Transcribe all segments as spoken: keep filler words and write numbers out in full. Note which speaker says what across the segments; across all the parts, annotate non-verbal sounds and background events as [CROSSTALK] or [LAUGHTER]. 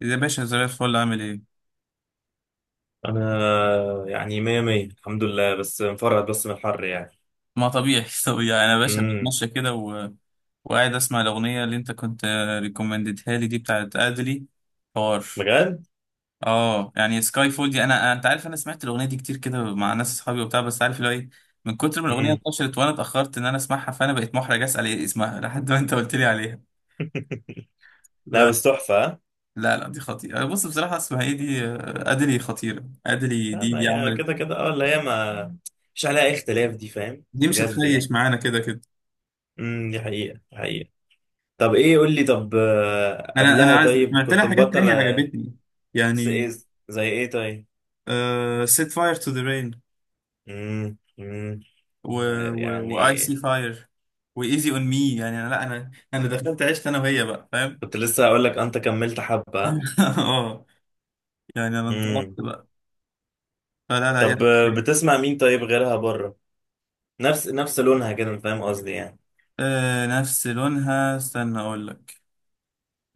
Speaker 1: يا باشا، زي الفل، عامل ايه؟
Speaker 2: انا يعني مية مية، الحمد لله، بس مفرهد بس من الحر يعني.
Speaker 1: ما طبيعي، [LAUGHS] طبيعي. انا يا باشا
Speaker 2: امم.
Speaker 1: بتمشى كده و... وقاعد اسمع الاغنيه اللي انت كنت ريكومندتها لي، دي بتاعت ادلي. حوار.
Speaker 2: بجد.
Speaker 1: اه يعني سكاي فول دي، انا انت عارف انا سمعت الاغنيه دي كتير كده مع ناس اصحابي وبتاع، بس عارف اللي هو ايه؟ من كتر ما الاغنيه
Speaker 2: امم.
Speaker 1: انتشرت وانا اتاخرت ان انا اسمعها، فانا بقيت محرج اسال ايه اسمها [LAUGHS] لحد ما انت قلت لي عليها.
Speaker 2: [LAUGHS] لا،
Speaker 1: بس
Speaker 2: بس تحفة، ها؟
Speaker 1: لا لا، دي خطيره. بص بصراحه، اسمها ايه دي؟ آه، ادلي خطيره. ادلي
Speaker 2: لا،
Speaker 1: دي
Speaker 2: ما
Speaker 1: دي
Speaker 2: هي
Speaker 1: عملت.
Speaker 2: كده كده اه اللي هي ما مش عليها أي اختلاف، دي فاهم
Speaker 1: دي مش
Speaker 2: بجد
Speaker 1: هتخيش
Speaker 2: يعني.
Speaker 1: معانا كده كده.
Speaker 2: امم دي حقيقة، دي حقيقة. طب ايه، قول لي، طب آه،
Speaker 1: انا
Speaker 2: قبلها،
Speaker 1: انا عايز،
Speaker 2: طيب
Speaker 1: سمعت
Speaker 2: كنت
Speaker 1: لها حاجات
Speaker 2: مبطل؟
Speaker 1: تانية عجبتني
Speaker 2: س-
Speaker 1: يعني.
Speaker 2: إيه- زي ايه طيب؟
Speaker 1: سيت فاير تو ذا رين،
Speaker 2: امم، امم.
Speaker 1: و
Speaker 2: آه،
Speaker 1: واي
Speaker 2: يعني.
Speaker 1: سي فاير، وايزي اون مي. يعني انا، لا، انا انا دخلت عشت انا وهي بقى، فاهم؟
Speaker 2: كنت لسه هقول لك انت كملت حبة.
Speaker 1: [LAUGHS] اه يعني انا انطلقت
Speaker 2: امم.
Speaker 1: بقى، فلا لا
Speaker 2: طب
Speaker 1: يعني.
Speaker 2: آه، بتسمع مين طيب، غيرها بره؟ نفس نفس لونها كده، فاهم قصدي يعني.
Speaker 1: آه، نفس لونها، استنى اقول لك.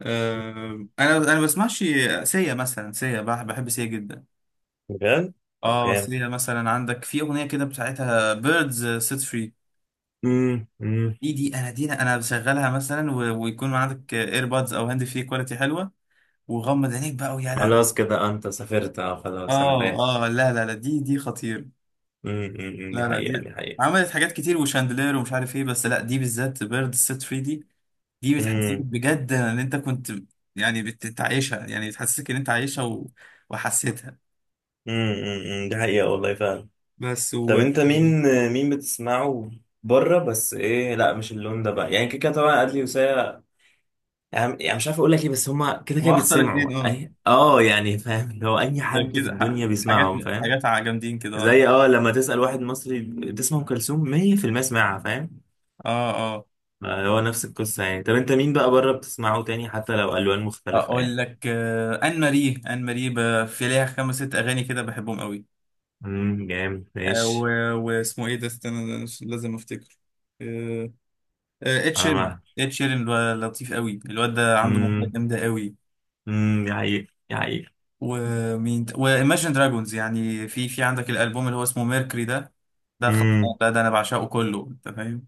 Speaker 1: آه. انا انا بسمعش سيا مثلا. سيا بح- بحب سيا جدا.
Speaker 2: بجد. طب،
Speaker 1: اه،
Speaker 2: جامد.
Speaker 1: سيا مثلا، عندك في اغنيه كده بتاعتها، بيردز سيت فري.
Speaker 2: امم، امم.
Speaker 1: دي دي انا، دي انا بشغلها مثلا، و... ويكون عندك ايربادز او هاند فري كواليتي حلوه، وغمض عينيك بقى، ويا لهوي.
Speaker 2: خلاص كده انت سافرت، اه خلاص انا
Speaker 1: اه.
Speaker 2: فاهم.
Speaker 1: اه لا لا لا، دي دي خطير.
Speaker 2: امم أمم، أمم، دي
Speaker 1: لا لا،
Speaker 2: حقيقة،
Speaker 1: دي
Speaker 2: دي حقيقة.
Speaker 1: عملت حاجات كتير، وشاندلير ومش عارف ايه، بس لا، دي بالذات، بيرد سيت ثلاثة. دي دي بتحسسك
Speaker 2: امم
Speaker 1: بجد ان انت كنت، يعني بتعيشها، يعني بتحسسك ان انت عايشها و... وحسيتها.
Speaker 2: امم أمم، أمم، دي حقيقة والله فعلا.
Speaker 1: بس
Speaker 2: طب
Speaker 1: و...
Speaker 2: انت مين؟ مين بتسمعه؟ بره، بس ايه، لا مش اللون ده بقى يعني، كده كده طبعا، ادلي وسيا. يعني يعني مش عارف اقول لك ايه، بس هما كده كده
Speaker 1: واخطر اتنين،
Speaker 2: بيتسمعوا
Speaker 1: اه.
Speaker 2: اي اه يعني فاهم، اللي هو اي
Speaker 1: ده
Speaker 2: حد في
Speaker 1: كده ح-
Speaker 2: الدنيا
Speaker 1: حاجات،
Speaker 2: بيسمعهم فاهم.
Speaker 1: حاجات ع- جامدين كده، اه.
Speaker 2: زي اه لما تسأل واحد مصري، تسمع ام كلثوم مية في المية، يسمعها فاهم.
Speaker 1: اه. آه.
Speaker 2: آه، هو نفس القصة يعني. طب انت مين بقى بره بتسمعه تاني، حتى لو ألوان مختلفة
Speaker 1: اقول
Speaker 2: يعني؟
Speaker 1: لك، آه، ان ماري، ان ماري ب- في ليها خمس ست اغاني كده بحبهم قوي.
Speaker 2: امم، جامد،
Speaker 1: آه،
Speaker 2: ماشي.
Speaker 1: و- واسمه ايه ده؟ استنى، أنا مش- لازم افتكر. آه، آه، ed
Speaker 2: انا
Speaker 1: شيرين،
Speaker 2: معاك.
Speaker 1: ed شيرين الو- لطيف قوي الواد ده، عنده موهبه
Speaker 2: امم
Speaker 1: جامده قوي.
Speaker 2: امم دي حقيقة، دي حقيقة.
Speaker 1: ومين ت- وايماجن دراجونز، يعني في في عندك الالبوم اللي هو اسمه ميركوري ده، ده
Speaker 2: امم.
Speaker 1: خلصان ده، ده انا بعشقه كله، انت فاهم.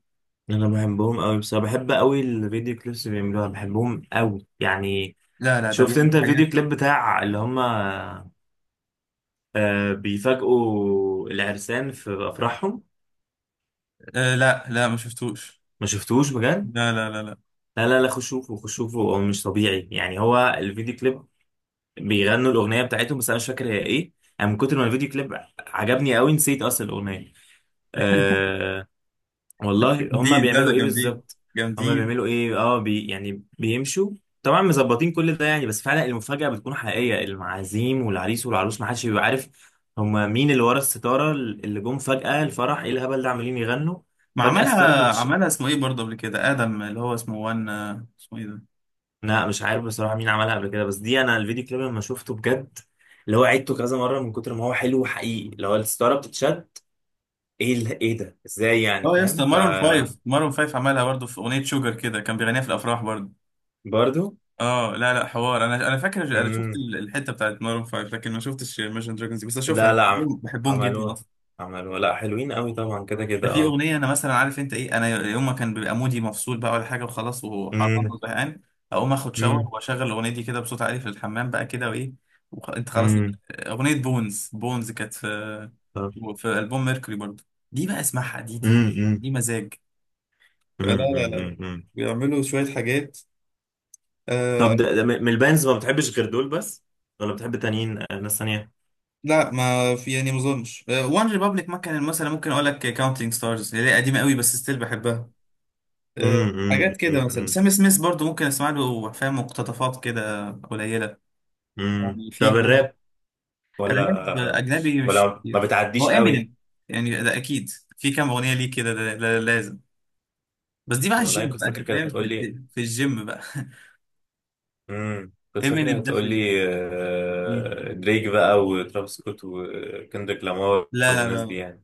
Speaker 2: انا بحبهم قوي بصراحة، بحب قوي الفيديو كليبس اللي بيعملوها، بحبهم قوي يعني.
Speaker 1: لا لا، ده
Speaker 2: شفت
Speaker 1: بيعمل
Speaker 2: انت الفيديو
Speaker 1: حاجات.
Speaker 2: كليب بتاع اللي هم آه، بيفاجئوا العرسان في افراحهم؟
Speaker 1: آه، لا لا ما شفتوش.
Speaker 2: ما شفتوش بجد؟
Speaker 1: لا لا لا لا.
Speaker 2: لا، لا، لا، خشوفه خشوفه، هو مش طبيعي يعني، هو الفيديو كليب بيغنوا الاغنيه بتاعتهم، بس انا مش فاكر هي ايه. انا من كتر ما الفيديو كليب عجبني قوي نسيت اصلا الاغنيه. أه. والله هما
Speaker 1: جامدين، لا ده
Speaker 2: بيعملوا ايه
Speaker 1: جامدين،
Speaker 2: بالظبط؟ هما
Speaker 1: جامدين.
Speaker 2: بيعملوا ايه، اه بي يعني بيمشوا، طبعا مظبطين كل ده يعني، بس فعلا المفاجاه بتكون حقيقيه، المعازيم والعريس والعروس ما حدش بيبقى عارف هما مين اللي ورا الستاره، اللي جم فجاه الفرح ايه الهبل ده عمالين يغنوا.
Speaker 1: ما
Speaker 2: فجاه الستاره.
Speaker 1: عملها، عملها اسمه ايه برضه قبل كده، ادم، اللي هو اسمه وان، اسمه ايه ده؟
Speaker 2: لا مش عارف بصراحة مين عملها قبل كده، بس دي انا الفيديو كليب لما شفته بجد، اللي هو عيدته كذا مرة من كتر ما هو حلو وحقيقي، اللي هو الستارة بتتشد، ايه ال- ايه ده، ازاي يعني
Speaker 1: اه يا
Speaker 2: فاهم؟
Speaker 1: اسطى،
Speaker 2: ف
Speaker 1: مارون فايف، مارون فايف عملها برضه في اغنيه شوجر كده، كان بيغنيها في الافراح برضه.
Speaker 2: برضو.
Speaker 1: اه لا لا حوار، انا انا فاكر، انا شفت
Speaker 2: امم.
Speaker 1: ال- الحته بتاعت مارون فايف، لكن ما شفتش ماشن دراجونز دي، بس اشوفها،
Speaker 2: لا
Speaker 1: انا
Speaker 2: لا عم-
Speaker 1: بحبهم، بحبهم جدا.
Speaker 2: عملوها، عملوها، لا حلوين قوي طبعا كده
Speaker 1: ده
Speaker 2: كده
Speaker 1: في
Speaker 2: اه.
Speaker 1: اغنيه، انا مثلا عارف انت ايه، انا يوم ما كان بيبقى مودي مفصول بقى، ولا حاجه وخلاص وحران
Speaker 2: امم،
Speaker 1: وزهقان، اقوم اخد شاور
Speaker 2: امم،
Speaker 1: واشغل الاغنيه دي كده بصوت عالي في الحمام بقى كده، وايه، وخ... انت خلاص.
Speaker 2: امم.
Speaker 1: اغنيه بونز بونز، كانت في
Speaker 2: طب.
Speaker 1: في البوم ميركوري برضه. دي بقى اسمعها، دي دي
Speaker 2: امم، امم،
Speaker 1: دي مزاج. لا
Speaker 2: امم،
Speaker 1: لا، لا
Speaker 2: امم،
Speaker 1: لا
Speaker 2: أمم، أمم.
Speaker 1: بيعملوا شوية حاجات. آه.
Speaker 2: طب ده ده من من البانز ما بتحبش غير دول بس، ولا بتحب تانيين، آه، ناس تانية؟
Speaker 1: لا، ما في يعني، ما اظنش. وان ريبابليك ما كان مثلا، ممكن اقول لك كاونتينج ستارز، اللي هي قديمه قوي بس ستيل بحبها.
Speaker 2: امم،
Speaker 1: آه،
Speaker 2: امم،
Speaker 1: حاجات كده مثلا
Speaker 2: امم،
Speaker 1: سام سميث برضو، ممكن اسمع له، فاهم، مقتطفات كده قليله.
Speaker 2: أمم.
Speaker 1: يعني
Speaker 2: طب
Speaker 1: في يعني
Speaker 2: الراب؟
Speaker 1: راب
Speaker 2: ولا
Speaker 1: اجنبي، مش
Speaker 2: ولا ما
Speaker 1: كتير. هو
Speaker 2: بتعديش قوي؟
Speaker 1: امينيم يعني ده اكيد، في كام اغنيه ليه كده، ده, ده لازم، بس دي بقى
Speaker 2: والله
Speaker 1: الجيم
Speaker 2: كنت
Speaker 1: بقى،
Speaker 2: فاكر
Speaker 1: انت
Speaker 2: كده
Speaker 1: فاهم،
Speaker 2: هتقول
Speaker 1: في,
Speaker 2: لي.
Speaker 1: في, في الجيم بقى.
Speaker 2: امم
Speaker 1: [LAUGHS]
Speaker 2: كنت فاكر
Speaker 1: امينيم ده
Speaker 2: هتقول
Speaker 1: في
Speaker 2: لي
Speaker 1: الجيم.
Speaker 2: آه، دريك بقى وترافيس سكوت وكندريك لامار
Speaker 1: لا
Speaker 2: والناس دي
Speaker 1: لا
Speaker 2: يعني.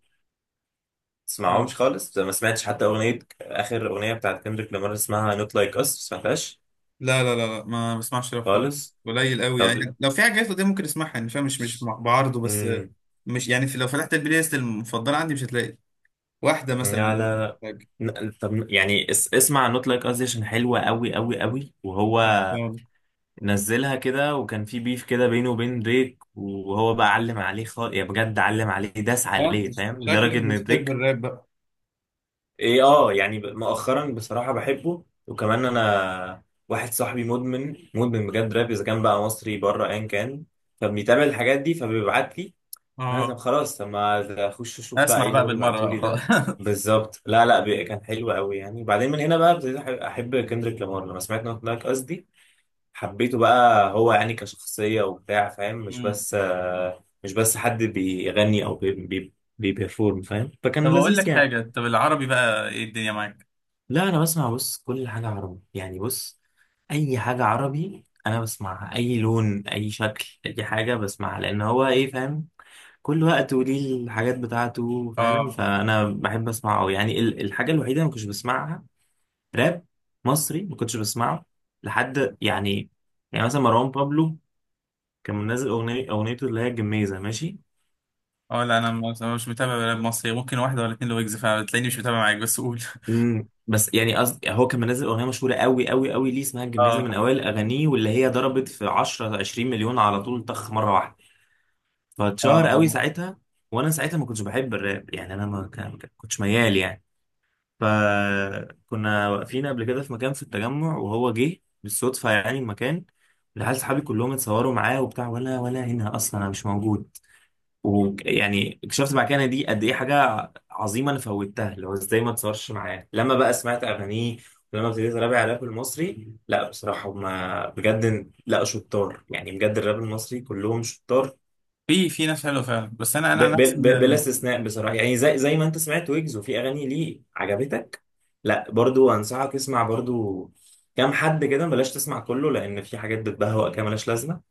Speaker 1: لا
Speaker 2: تسمعهمش خالص، ما سمعتش حتى اغنيه، اخر اغنيه بتاعت كندريك لامار اسمها نوت لايك اس ما سمعتهاش.
Speaker 1: لا لا لا لا، ما بسمعش راب خالص.
Speaker 2: خالص.
Speaker 1: قليل قوي يعني،
Speaker 2: طب.
Speaker 1: لو في حاجات دي ممكن اسمعها، يعني فاهم، مش مش بعارضه بس، آه،
Speaker 2: امم.
Speaker 1: مش يعني، في لو فتحت البلاي ليست المفضله عندي، مش هتلاقي واحده
Speaker 2: لا،
Speaker 1: مثلا.
Speaker 2: لا، لا. ن- طب يعني اس- اسمع نوت لايك اس دي عشان حلوه قوي قوي قوي، وهو نزلها كده وكان في بيف كده بينه وبين دريك، وهو بقى علم عليه خالص يا بجد، علم عليه داس
Speaker 1: اه انت
Speaker 2: عليه فاهم، لدرجة
Speaker 1: شكلك
Speaker 2: ان
Speaker 1: بتحب
Speaker 2: دريك.
Speaker 1: الراب بقى.
Speaker 2: ايه، اه يعني ب- مؤخرا بصراحة بحبه، وكمان انا واحد صاحبي مدمن مدمن بجد راب، اذا كان بقى مصري بره ايا كان، فبيتابع الحاجات دي فبيبعت لي. انا طب
Speaker 1: اه،
Speaker 2: خلاص، طب ما اخش اشوف بقى
Speaker 1: اسمع
Speaker 2: ايه اللي
Speaker 1: بقى
Speaker 2: هو
Speaker 1: بالمره
Speaker 2: بيبعته
Speaker 1: بقى
Speaker 2: لي
Speaker 1: خلاص.
Speaker 2: ده.
Speaker 1: [LAUGHS]
Speaker 2: بالظبط. لا، لا، بي- كان حلو قوي يعني، وبعدين من هنا بقى ابتديت احب أحب كندريك لامار لما سمعت نوت لايك اس. حبيته بقى، هو يعني كشخصية وبتاع فاهم، مش
Speaker 1: مم.
Speaker 2: بس آه، مش بس حد بيغني أو بي بي بيبرفورم فاهم،
Speaker 1: طب
Speaker 2: فكان
Speaker 1: اقول لك
Speaker 2: لذيذ يعني.
Speaker 1: حاجه، طب العربي بقى، ايه الدنيا معاك؟
Speaker 2: لا، أنا بسمع، بص، كل حاجة عربي يعني، بص. أي حاجة عربي أنا بسمعها، أي لون، أي شكل، أي حاجة بسمعها، لأن هو إيه فاهم، كل وقت وليه الحاجات بتاعته فاهم،
Speaker 1: اه
Speaker 2: فأنا بحب أسمعه أوي. يعني ال- الحاجة الوحيدة اللي ما كنتش بسمعها، راب مصري، ما كنتش بسمعه لحد يعني. يعني مثلا مروان بابلو كان منزل اغنيه اغنيته اللي هي الجميزه ماشي.
Speaker 1: اه. لا انا مش مش متابع راب مصري، ممكن واحده ولا اتنين، لويجز فعلا تلاقيني مش متابع معاك، بس قول. [LAUGHS]
Speaker 2: امم بس يعني قصد، هو كان منزل اغنيه مشهوره قوي قوي قوي ليه اسمها الجميزه، من
Speaker 1: اه
Speaker 2: اوائل اغانيه، واللي هي ضربت في عشرة عشرين مليون على طول، طخ مره واحده، فاتشهر قوي
Speaker 1: اه.
Speaker 2: ساعتها. وانا ساعتها ما كنتش بحب الراب يعني، انا ما كان- ما كنتش ميال يعني. فكنا واقفين قبل كده في مكان في التجمع، وهو جه بالصدفه يعني المكان، العيال صحابي كلهم اتصوروا معاه وبتاع، ولا ولا هنا اصلا انا مش موجود. ويعني اكتشفت بعد كده إن دي قد ايه حاجه عظيمه انا فوتها، اللي هو ازاي ما اتصورش معاه، لما بقى سمعت اغانيه، ولما ابتديت ارابع على الراب المصري، لا بصراحه هما بجد لا شطار يعني، بجد الراب المصري كلهم شطار،
Speaker 1: في في ناس حلوه فعلا بس، انا
Speaker 2: ب-
Speaker 1: انا نفسي.
Speaker 2: ب- ب- بلا استثناء بصراحه يعني، زي زي ما انت سمعت ويجز وفي اغاني ليه عجبتك. لا، برضو انصحك اسمع برضو، كام حد كده، بلاش تسمع كله لان في حاجات بتبهوأ كده ملهاش لازمه،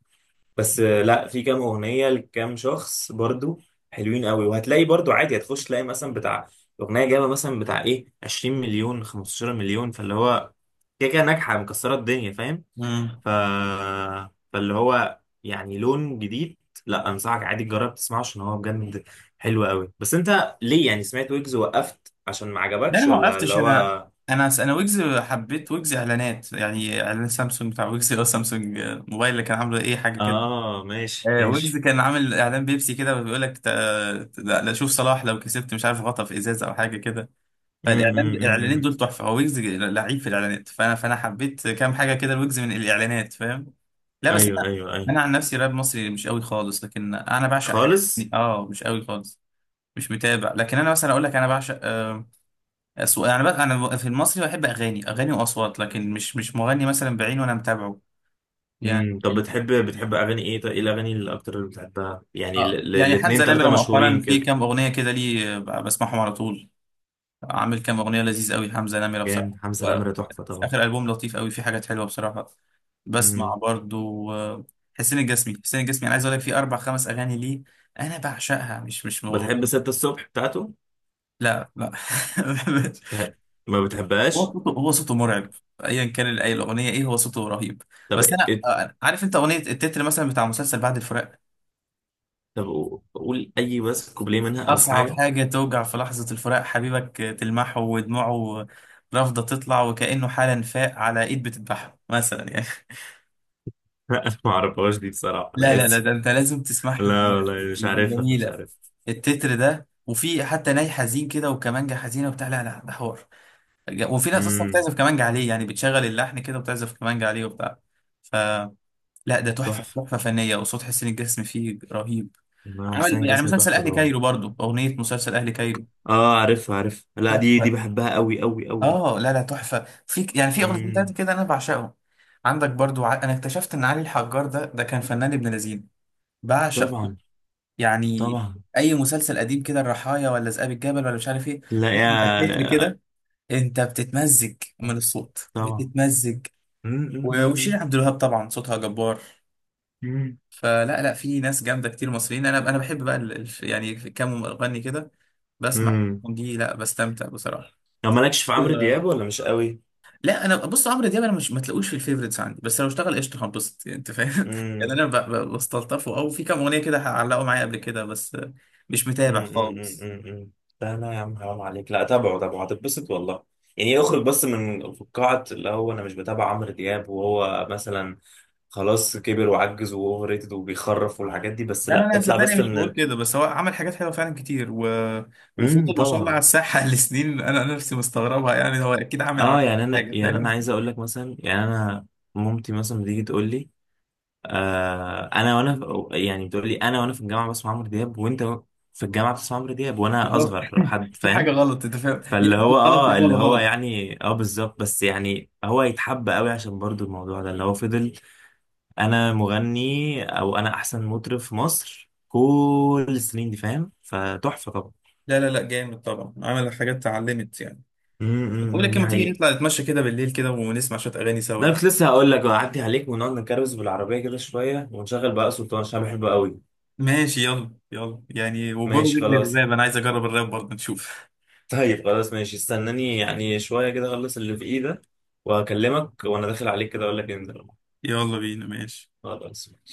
Speaker 2: بس آه، لا في كام اغنيه لكام شخص برضو، حلوين قوي، وهتلاقي برضو عادي، هتخش تلاقي مثلا بتاع اغنيه جايبه مثلا بتاع ايه عشرين مليون خمسة عشر مليون، فاللي هو كده كده ناجحه مكسره الدنيا فاهم،
Speaker 1: امم.
Speaker 2: ف، فاللي هو يعني لون جديد. لا انصحك عادي تجرب تسمعه عشان هو بجد حلو قوي. بس انت ليه، يعني سمعت ويجز وقفت عشان ما
Speaker 1: لا، انا
Speaker 2: عجبكش،
Speaker 1: ما
Speaker 2: ولا اللي
Speaker 1: وقفتش، انا
Speaker 2: هو؟
Speaker 1: انا انا ويجز، حبيت ويجز اعلانات يعني، اعلان سامسونج بتاع ويجز، اللي هو سامسونج موبايل، اللي كان عامله، ايه حاجه كده.
Speaker 2: اه، ماشي،
Speaker 1: آه، ويجز
Speaker 2: ماشي.
Speaker 1: كان عامل اعلان بيبسي كده، بيقول لك تا- تا- لا شوف صلاح لو كسبت مش عارف غطا في ازازه او حاجه كده،
Speaker 2: امم،
Speaker 1: فالاعلان،
Speaker 2: امم،
Speaker 1: الاعلانين
Speaker 2: أمم.
Speaker 1: دول تحفه، هو ويجز لعيب في الاعلانات، فانا فانا حبيت كام حاجه كده لويجز من الاعلانات، فاهم. لا بس
Speaker 2: ايوه،
Speaker 1: انا،
Speaker 2: ايوه، ايوه.
Speaker 1: انا عن نفسي راب مصري مش قوي خالص، لكن انا بعشق حاجه
Speaker 2: خالص.
Speaker 1: يعني، اه مش قوي خالص، مش متابع، لكن انا مثلا اقول لك، انا بعشق آه، اصوات. يعني بقى انا في المصري بحب اغاني، اغاني واصوات، لكن مش مش مغني مثلا بعينه وانا متابعه يعني.
Speaker 2: امم طب، بتحب بتحب اغاني ايه طيب، ايه الاغاني اللي اكتر اللي بتحبها، يعني ال-
Speaker 1: اه
Speaker 2: ال-
Speaker 1: يعني
Speaker 2: الاتنين
Speaker 1: حمزة نمرة
Speaker 2: تلاتة
Speaker 1: مؤخرا
Speaker 2: مشهورين
Speaker 1: في
Speaker 2: كده؟
Speaker 1: كام أغنية كده ليه، آه، بسمعهم على طول. عامل كام أغنية لذيذ قوي حمزة نمرة بصراحة.
Speaker 2: جامد، حمزة
Speaker 1: وفي
Speaker 2: نمرة تحفة طبعا.
Speaker 1: آخر ألبوم لطيف قوي، في حاجات حلوة بصراحة. بسمع
Speaker 2: امم
Speaker 1: برضو، آه، حسين الجسمي. حسين الجسمي أنا عايز أقول لك، في أربع خمس أغاني ليه أنا بعشقها، مش مش
Speaker 2: بتحب
Speaker 1: مغرب.
Speaker 2: ستة الصبح بتاعته؟
Speaker 1: لا لا. [LAUGHS]
Speaker 2: بتح- ما
Speaker 1: هو
Speaker 2: بتحبهاش؟
Speaker 1: صوته، هو صوته مرعب. ايا كان اي الاغنيه، ايه، هو صوته رهيب.
Speaker 2: طب
Speaker 1: بس انا،
Speaker 2: كده.
Speaker 1: آه، عارف انت اغنيه التتر مثلا بتاع مسلسل بعد الفراق؟
Speaker 2: طب قو- قول اي، بس كوبليه منها او
Speaker 1: أصعب
Speaker 2: حاجة.
Speaker 1: حاجة توجع في لحظة الفراق، حبيبك تلمحه ودموعه رافضة تطلع، وكأنه حالا فاق على إيد بتذبحه، مثلا يعني. [LAUGHS]
Speaker 2: [LAUGHS] لا انا ما اعرفهاش دي بصراحة،
Speaker 1: لا
Speaker 2: انا
Speaker 1: لا لا،
Speaker 2: اسف.
Speaker 1: ده أنت لازم
Speaker 2: [LAUGHS]
Speaker 1: تسمعها
Speaker 2: لا
Speaker 1: دلوقتي،
Speaker 2: والله مش
Speaker 1: دي دي
Speaker 2: عارفها، مش
Speaker 1: جميلة،
Speaker 2: عارف.
Speaker 1: التتر ده. وفي حتى ناي حزين كده، وكمانجة حزينة وبتاع، لا لا ده حوار، وفي ناس أصلا
Speaker 2: امم.
Speaker 1: بتعزف كمانجة عليه، يعني بتشغل اللحن كده وبتعزف كمانجة عليه وبتاع، ف لا ده تحفة،
Speaker 2: تحفة.
Speaker 1: تحفة فنية، وصوت حسين الجسمي فيه رهيب.
Speaker 2: إمام حسين
Speaker 1: عمل يعني
Speaker 2: جسمي
Speaker 1: مسلسل
Speaker 2: تحفة
Speaker 1: أهلي
Speaker 2: طبعا.
Speaker 1: كايرو برضو، أغنية مسلسل أهلي كايرو،
Speaker 2: اه عارفها عارفها، لا دي دي
Speaker 1: تحفة.
Speaker 2: بحبها قوي قوي قوي.
Speaker 1: اه لا لا تحفه، في ك- يعني في اغنيتين تلاته
Speaker 2: امم.
Speaker 1: كده انا بعشقهم. عندك برضو، ع... انا اكتشفت ان علي الحجار ده، ده كان فنان ابن لذين، بعشق
Speaker 2: طبعا.
Speaker 1: يعني،
Speaker 2: طبعا.
Speaker 1: اي مسلسل قديم كده، الرحايا ولا ذئاب الجبل ولا مش عارف ايه،
Speaker 2: لا
Speaker 1: انت التتر
Speaker 2: يا.
Speaker 1: كده انت بتتمزج من الصوت،
Speaker 2: طبعا.
Speaker 1: بتتمزج.
Speaker 2: مم،
Speaker 1: و-
Speaker 2: مم، مم،
Speaker 1: وشيرين عبد الوهاب طبعا صوتها جبار،
Speaker 2: مم.
Speaker 1: فلا لا في ناس جامده كتير مصريين. انا انا بحب بقى ال... ال- يعني كام مغني كده بسمع
Speaker 2: مم.
Speaker 1: دي، لا بستمتع بصراحه.
Speaker 2: لو مالكش في عمرو دياب، ولا مش قوي؟
Speaker 1: لا انا بص، عمرو دياب انا مش، ما تلاقوش في الفيفوريتس عندي، بس لو اشتغل قشطه هنبسط يعني انت فاهم. [LAUGHS] يعني
Speaker 2: مم.
Speaker 1: انا ب- ب- بستلطفه، او في كام اغنيه كده هعلقوا معايا قبل كده بس، مش
Speaker 2: مم،
Speaker 1: متابع
Speaker 2: مم، مم،
Speaker 1: خالص.
Speaker 2: مم، مم. لا لا يا عم حرام عليك، لا تابعه تابعه هتتبسط والله، يعني اخرج بس من فقاعة اللي هو انا مش بتابع عمرو دياب وهو مثلا خلاص كبر وعجز واوفر ريتد وبيخرف والحاجات دي، بس
Speaker 1: لا لا
Speaker 2: لا
Speaker 1: لا
Speaker 2: اطلع
Speaker 1: صدقني
Speaker 2: بس
Speaker 1: مش
Speaker 2: من
Speaker 1: بقول
Speaker 2: ال.
Speaker 1: كده، بس هو عمل حاجات حلوه فعلا كتير، و...
Speaker 2: مم،
Speaker 1: وفضل ما شاء الله على
Speaker 2: طبعا.
Speaker 1: الساحه [LAUGHS] لسنين، انا أنا نفسي مستغربها يعني، هو اكيد عامل عنها
Speaker 2: اه يعني انا،
Speaker 1: حاجه،
Speaker 2: يعني
Speaker 1: فاهم.
Speaker 2: انا عايز اقول لك مثلا، يعني انا مامتي مثلا بتيجي تقول لي، آه انا وانا في- يعني بتقول لي انا وانا في الجامعه بسمع عمرو دياب، وانت في الجامعه بتسمع عمرو دياب وانا
Speaker 1: بالظبط.
Speaker 2: اصغر
Speaker 1: [LAUGHS]
Speaker 2: حد
Speaker 1: في حاجه
Speaker 2: فاهم،
Speaker 1: غلط، انت فاهم، يا
Speaker 2: فاللي هو
Speaker 1: اما غلط يا
Speaker 2: اه
Speaker 1: اما
Speaker 2: اللي هو
Speaker 1: غلط.
Speaker 2: يعني اه بالظبط، بس يعني هو يتحب قوي عشان برضو الموضوع ده اللي هو فضل انا مغني او انا احسن مطرب في مصر كل السنين دي فاهم، فتحفه طبعا.
Speaker 1: لا لا لا، جامد طبعا، عمل حاجات اتعلمت يعني. بقول
Speaker 2: امم
Speaker 1: لك،
Speaker 2: دي
Speaker 1: لما تيجي
Speaker 2: حقيقة.
Speaker 1: نطلع نتمشى كده بالليل كده، ونسمع شويه اغاني سوا
Speaker 2: لا
Speaker 1: يعني.
Speaker 2: كنت لسه هقول لك اعدي عليك ونقعد نكروز بالعربيه كده شويه، ونشغل بقى سلطان عشان بحبه قوي.
Speaker 1: ماشي، يلا يلا يعني، وجون
Speaker 2: ماشي
Speaker 1: رجلي
Speaker 2: خلاص.
Speaker 1: الراب، انا عايز اجرب الراب برضه، نشوف.
Speaker 2: طيب خلاص ماشي، استناني يعني شوية كده اخلص اللي في ايدك، وهكلمك وانا داخل عليك كده اقول لك انزل.
Speaker 1: يلا بينا ماشي.
Speaker 2: خلاص.